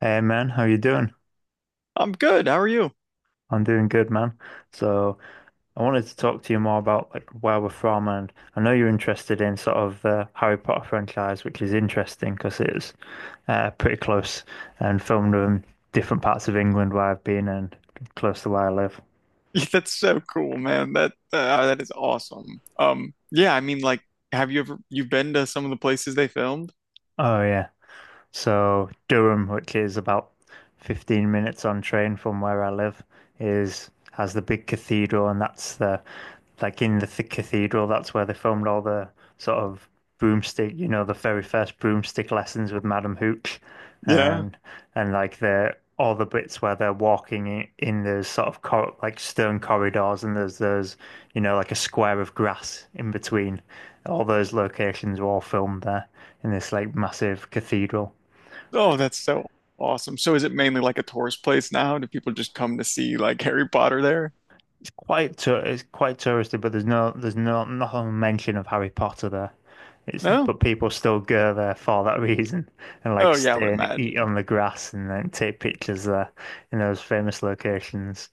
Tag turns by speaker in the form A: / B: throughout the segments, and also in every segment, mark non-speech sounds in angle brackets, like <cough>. A: Hey man, how you doing?
B: I'm good. How are you?
A: I'm doing good, man. So I wanted to talk to you more about like where we're from, and I know you're interested in sort of the Harry Potter franchise, which is interesting because it's pretty close and filmed in different parts of England where I've been and close to where I live.
B: <laughs> That's so cool, man. That is awesome. Yeah, I mean, like, have you ever you've been to some of the places they filmed?
A: Oh yeah. So Durham, which is about 15 minutes on train from where I live, is has the big cathedral, and that's the like in the th cathedral, that's where they filmed all the sort of broomstick, you know, the very first broomstick lessons with Madam Hooch,
B: Yeah.
A: and like the all the bits where they're walking in those sort of cor like stone corridors, and there's, you know, like a square of grass in between. All those locations were all filmed there in this like massive cathedral.
B: Oh, that's so awesome. So is it mainly like a tourist place now? Do people just come to see like <laughs> Harry Potter there?
A: It's quite touristy, but there's no nothing mention of Harry Potter there. It's
B: No?
A: but people still go there for that reason <laughs> and
B: Oh
A: like
B: yeah, I would
A: stay and eat
B: imagine.
A: on the grass and then take pictures there in those famous locations.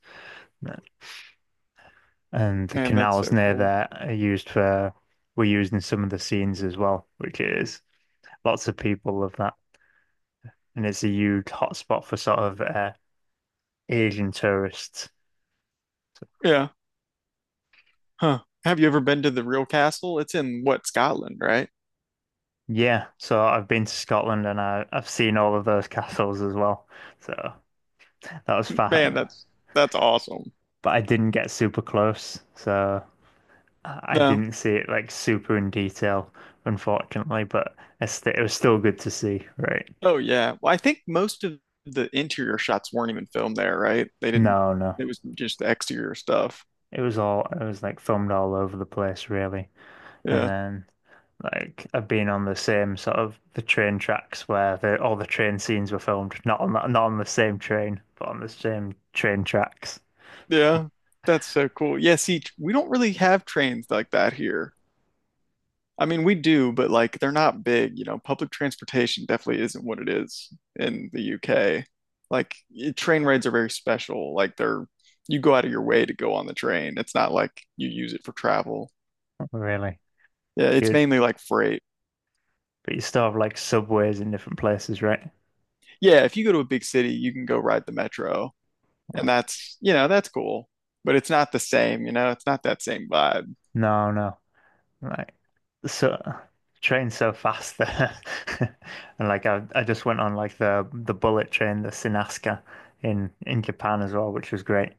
A: And the
B: Man, that's
A: canals
B: so
A: near
B: cool.
A: there are used for were used in some of the scenes as well, which is lots of people love that. And it's a huge hotspot for sort of Asian tourists. So
B: Yeah. Huh. Have you ever been to the real castle? It's in what, Scotland, right?
A: yeah, so I've been to Scotland and I've seen all of those castles as well. So that was
B: Man,
A: fun.
B: that's awesome.
A: But I didn't get super close, so I
B: No.
A: didn't see it like super in detail, unfortunately. But I st it was still good to see, right?
B: Oh yeah. Well, I think most of the interior shots weren't even filmed there, right? They didn't.
A: No, no.
B: It was just the exterior stuff.
A: It was all, it was like filmed all over the place, really. And
B: Yeah.
A: then like I've been on the same sort of the train tracks where all the train scenes were filmed, not on that, not on the same train, but on the same train tracks,
B: Yeah. That's so cool. Yeah, see, we don't really have trains like that here. I mean, we do, but like they're not big, you know. Public transportation definitely isn't what it is in the UK. Like train rides are very special. Like they're you go out of your way to go on the train. It's not like you use it for travel.
A: really.
B: Yeah,
A: Do
B: it's
A: you,
B: mainly like freight.
A: But you still have like subways in different places, right?
B: Yeah, if you go to a big city, you can go ride the metro. And that's, you know, that's cool, but it's not the same, you know, it's not that same vibe.
A: No, no. Like so train's so fast there. <laughs> And like I just went on like the bullet train, the Shinkansen in Japan as well, which was great.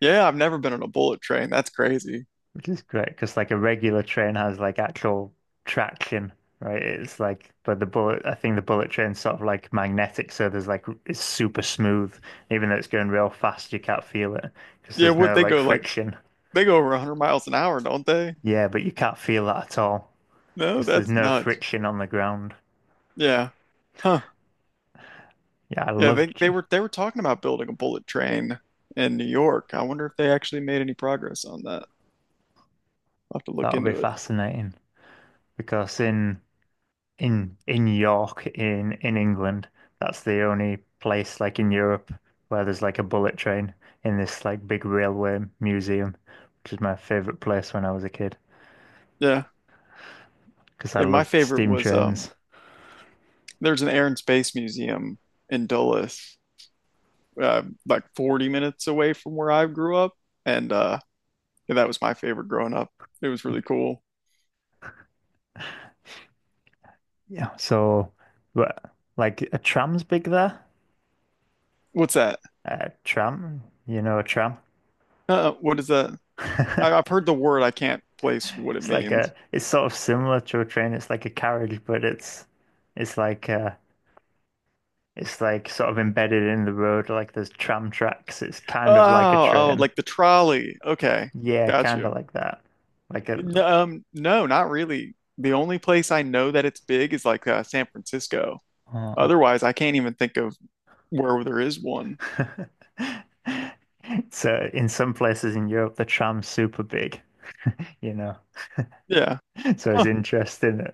B: Yeah, I've never been on a bullet train. That's crazy.
A: Which is great because like a regular train has like actual traction, right? It's like but the bullet I think the bullet train's sort of like magnetic, so there's like it's super smooth. Even though it's going real fast, you can't feel it because
B: Yeah,
A: there's
B: what
A: no
B: they
A: like
B: go like,
A: friction.
B: they go over 100 miles an hour, don't they?
A: Yeah, but you can't feel that at all,
B: No,
A: because there's
B: that's
A: no
B: nuts.
A: friction on the ground.
B: Yeah. Huh.
A: Yeah, I
B: Yeah,
A: love
B: they were talking about building a bullet train in New York. I wonder if they actually made any progress on that. I'll have to look
A: that'll be
B: into it.
A: fascinating because in York in England, that's the only place like in Europe where there's like a bullet train in this like big railway museum, which is my favorite place when I was a kid
B: Yeah.
A: because I
B: Yeah, my
A: loved
B: favorite
A: steam
B: was
A: trains.
B: there's an Air and Space Museum in Dulles, like 40 minutes away from where I grew up. And Yeah, that was my favorite growing up. It was really cool.
A: Yeah, so but like a tram's big there.
B: What's that?
A: A tram, you know, a tram.
B: What is that?
A: <laughs>
B: I've heard the word. I can't place what it
A: It's like
B: means.
A: it's sort of similar to a train. It's like a carriage, but it's like uh, it's like sort of embedded in the road. Like there's tram tracks. It's
B: Oh,
A: kind of like a
B: oh,
A: train.
B: like the trolley. Okay,
A: Yeah,
B: got
A: kind of
B: you.
A: like that. Like a,
B: No, not really. The only place I know that it's big is like San Francisco.
A: oh.
B: Otherwise, I can't even think of where there is one.
A: <laughs> So in some places in Europe, the tram's super big, you know.
B: Yeah.
A: So it's
B: Huh.
A: interesting.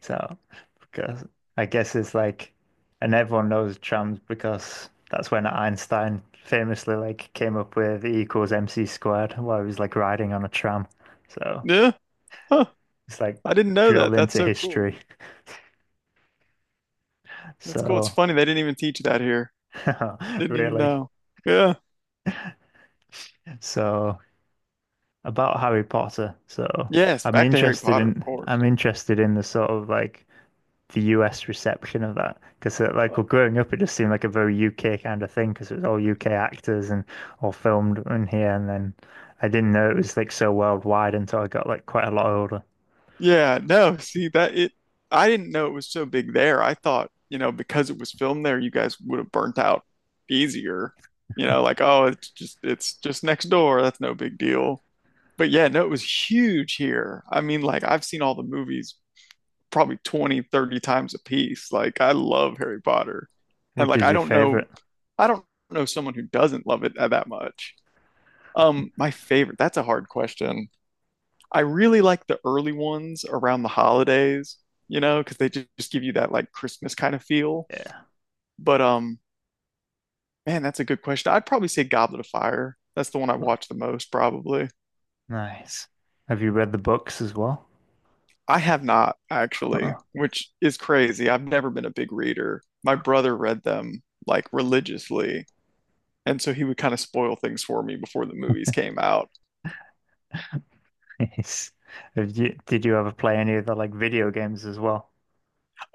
A: So, because I guess it's like, and everyone knows trams because that's when Einstein famously like came up with E equals MC squared while he was like riding on a tram. So
B: Yeah. Huh.
A: it's like
B: I didn't know that.
A: drilled
B: That's
A: into
B: so cool.
A: history.
B: That's cool. It's
A: So
B: funny they didn't even teach that here. I
A: <laughs>
B: didn't even
A: really.
B: know. Yeah.
A: So about Harry Potter. So
B: Yes. Back to Harry Potter, of course.
A: I'm interested in the sort of like the US reception of that because like well, growing up it just seemed like a very UK kind of thing because it was all UK actors and all filmed in here and then I didn't know it was like so worldwide until I got like quite a lot older.
B: Yeah, no, see that it I didn't know it was so big there. I thought, you know, because it was filmed there, you guys would have burnt out easier. You know, like, oh, it's just next door. That's no big deal. But yeah, no, it was huge here. I mean, like I've seen all the movies probably 20, 30 times a piece. Like I love Harry Potter. And
A: Which
B: like
A: is
B: I
A: your
B: don't know
A: favorite?
B: I don't know someone who doesn't love it that much. My favorite, that's a hard question. I really like the early ones around the holidays, you know, because they just give you that like Christmas kind of feel.
A: Yeah,
B: But man, that's a good question. I'd probably say Goblet of Fire. That's the one I watch the most, probably.
A: nice. Have you read the books as well?
B: I have not actually,
A: Oh,
B: which is crazy. I've never been a big reader. My brother read them like religiously, and so he would kind of spoil things for me before the movies came out.
A: <laughs> nice. Did you ever play any of the like video games as well?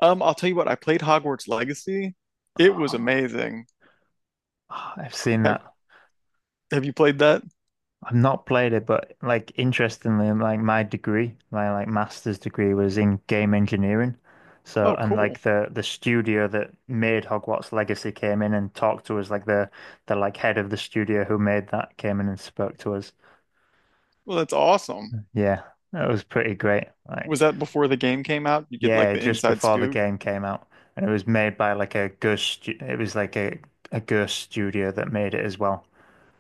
B: I'll tell you what, I played Hogwarts Legacy. It was
A: Oh,
B: amazing.
A: I've seen
B: Have
A: that.
B: have you played that?
A: I've not played it, but like interestingly, like my degree, my like master's degree was in game engineering. So
B: Oh,
A: and
B: cool.
A: like the studio that made Hogwarts Legacy came in and talked to us, like the like head of the studio who made that came in and spoke to us.
B: Well, that's awesome.
A: Yeah, that was pretty great. Like
B: Was that before the game came out? You get like
A: yeah,
B: the
A: just
B: inside
A: before the
B: scoop.
A: game came out, and it was made by like a It was like a ghost studio that made it as well.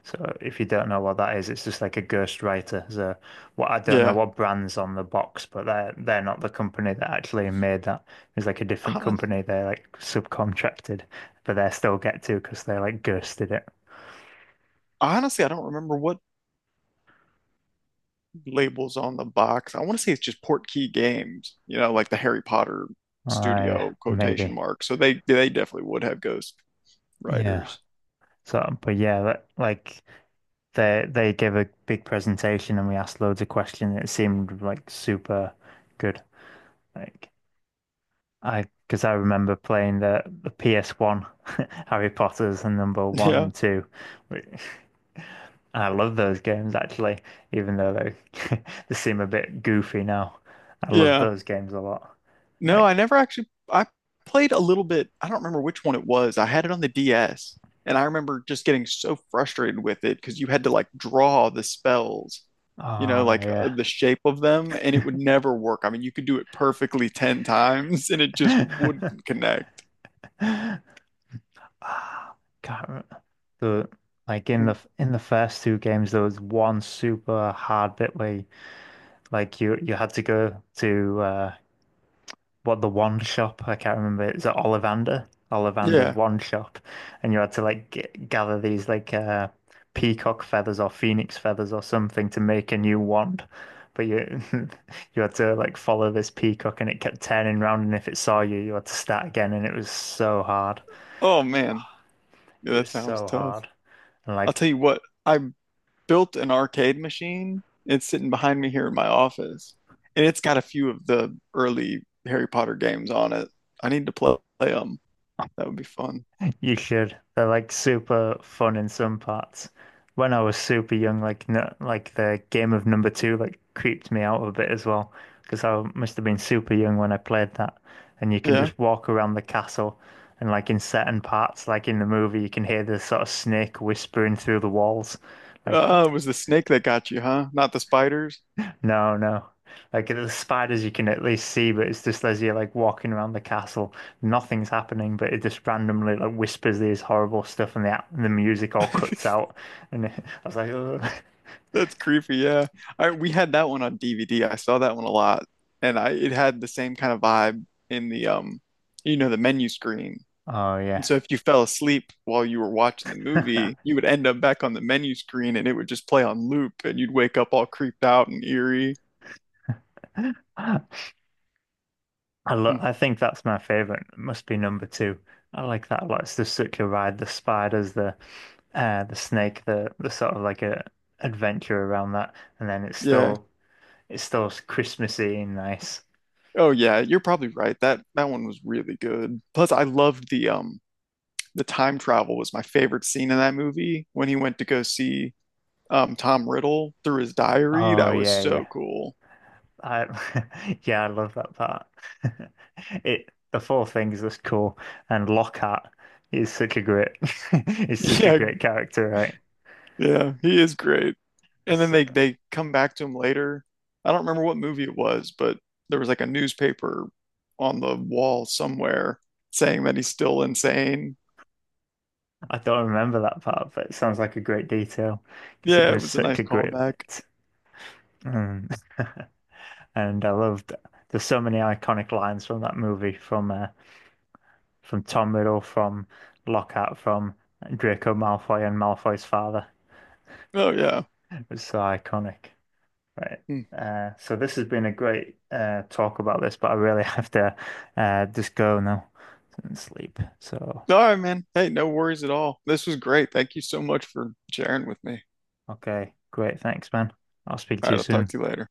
A: So if you don't know what that is, it's just like a ghost writer. So what I don't know
B: Yeah.
A: what brand's on the box, but they're not the company that actually made that. It's like a different
B: Hon-
A: company. They're like subcontracted, but they still get to because they like ghosted it.
B: Honestly, I don't remember what labels on the box. I want to say it's just Portkey Games, you know, like the Harry Potter
A: I
B: studio quotation
A: maybe.
B: mark. So they definitely would have ghost
A: Yeah.
B: writers.
A: So but yeah, that, like they gave a big presentation and we asked loads of questions. It seemed like super good. Like I because I remember playing the PS1 <laughs> Harry Potter's and number
B: <laughs>
A: one and
B: Yeah.
A: two, which I love those games actually, even though they <laughs> they seem a bit goofy now. I love
B: Yeah.
A: those games a lot.
B: No, I
A: Like,
B: never actually I played a little bit. I don't remember which one it was. I had it on the DS and I remember just getting so frustrated with it because you had to like draw the spells, you know,
A: ah,
B: like
A: yeah.
B: the shape of them and it would never work. I mean, you could do it perfectly 10 <laughs> times and it just wouldn't
A: <laughs>
B: connect.
A: Ah, can't remember. The like
B: Mm.
A: in the first two games, there was one super hard bit where like you had to go to what the one shop I can't remember it's at Ollivander Ollivander's
B: Yeah.
A: one shop and you had to like g gather these like peacock feathers or phoenix feathers or something to make a new wand but you <laughs> you had to like follow this peacock and it kept turning round and if it saw you you had to start again and it was so hard,
B: Oh man.
A: it
B: Yeah, that
A: was
B: sounds
A: so
B: tough.
A: hard and
B: I'll
A: like
B: tell you what. I built an arcade machine. It's sitting behind me here in my office, and it's got a few of the early Harry Potter games on it. I need to play them. That would be fun.
A: you should. They're like super fun in some parts. When I was super young, like no, like the game of number two like creeped me out a bit as well because I must have been super young when I played that. And you can
B: Yeah.
A: just walk around the castle, and like in certain parts, like in the movie, you can hear the sort of snake whispering through the walls. Like
B: It was the snake that got you, huh? Not the spiders.
A: no, no. Like the spiders you can at least see, but it's just as you're like walking around the castle, nothing's happening, but it just randomly like whispers these horrible stuff and the music all cuts
B: <laughs>
A: out. And <laughs> I was like, "Ugh."
B: That's creepy. Yeah. We had that one on DVD. I saw that one a lot, and I it had the same kind of vibe in the you know, the menu screen.
A: Oh
B: And
A: yeah.
B: so if you fell asleep while you were watching the movie, you would end up back on the menu screen and it would just play on loop and you'd wake up all creeped out and eerie.
A: <laughs>
B: Hmm.
A: I think that's my favorite. It must be number two. I like that a lot. It's just such a ride. The spiders, the snake, the sort of like a adventure around that, and then
B: Yeah.
A: it's still Christmassy and nice.
B: Oh yeah, you're probably right. That one was really good. Plus I loved the time travel was my favorite scene in that movie when he went to go see Tom Riddle through his diary.
A: Oh
B: That was
A: yeah,
B: so
A: yeah.
B: cool.
A: I <laughs> yeah, I love that part. <laughs> It the four things that's cool, and Lockhart is such a great <laughs> is
B: <laughs>
A: such a
B: Yeah,
A: great character, right?
B: Yeah, he is great. And then
A: So
B: they come back to him later. I don't remember what movie it was, but there was like a newspaper on the wall somewhere saying that he's still insane.
A: I don't remember that part, but it sounds like a great detail because he
B: Yeah, it
A: was
B: was a
A: such
B: nice
A: a great
B: callback.
A: bit. Mm. <laughs> And I loved there's so many iconic lines from that movie from Tom Riddle, from Lockhart, from Draco Malfoy and Malfoy's father.
B: Oh yeah.
A: It was so iconic. Right.
B: Hmm.
A: So this has been a great talk about this, but I really <laughs> have to just go now and sleep. So,
B: All right, man. Hey, no worries at all. This was great. Thank you so much for sharing with me.
A: okay, great. Thanks, man. I'll speak
B: All
A: to you
B: right, I'll talk
A: soon.
B: to you later.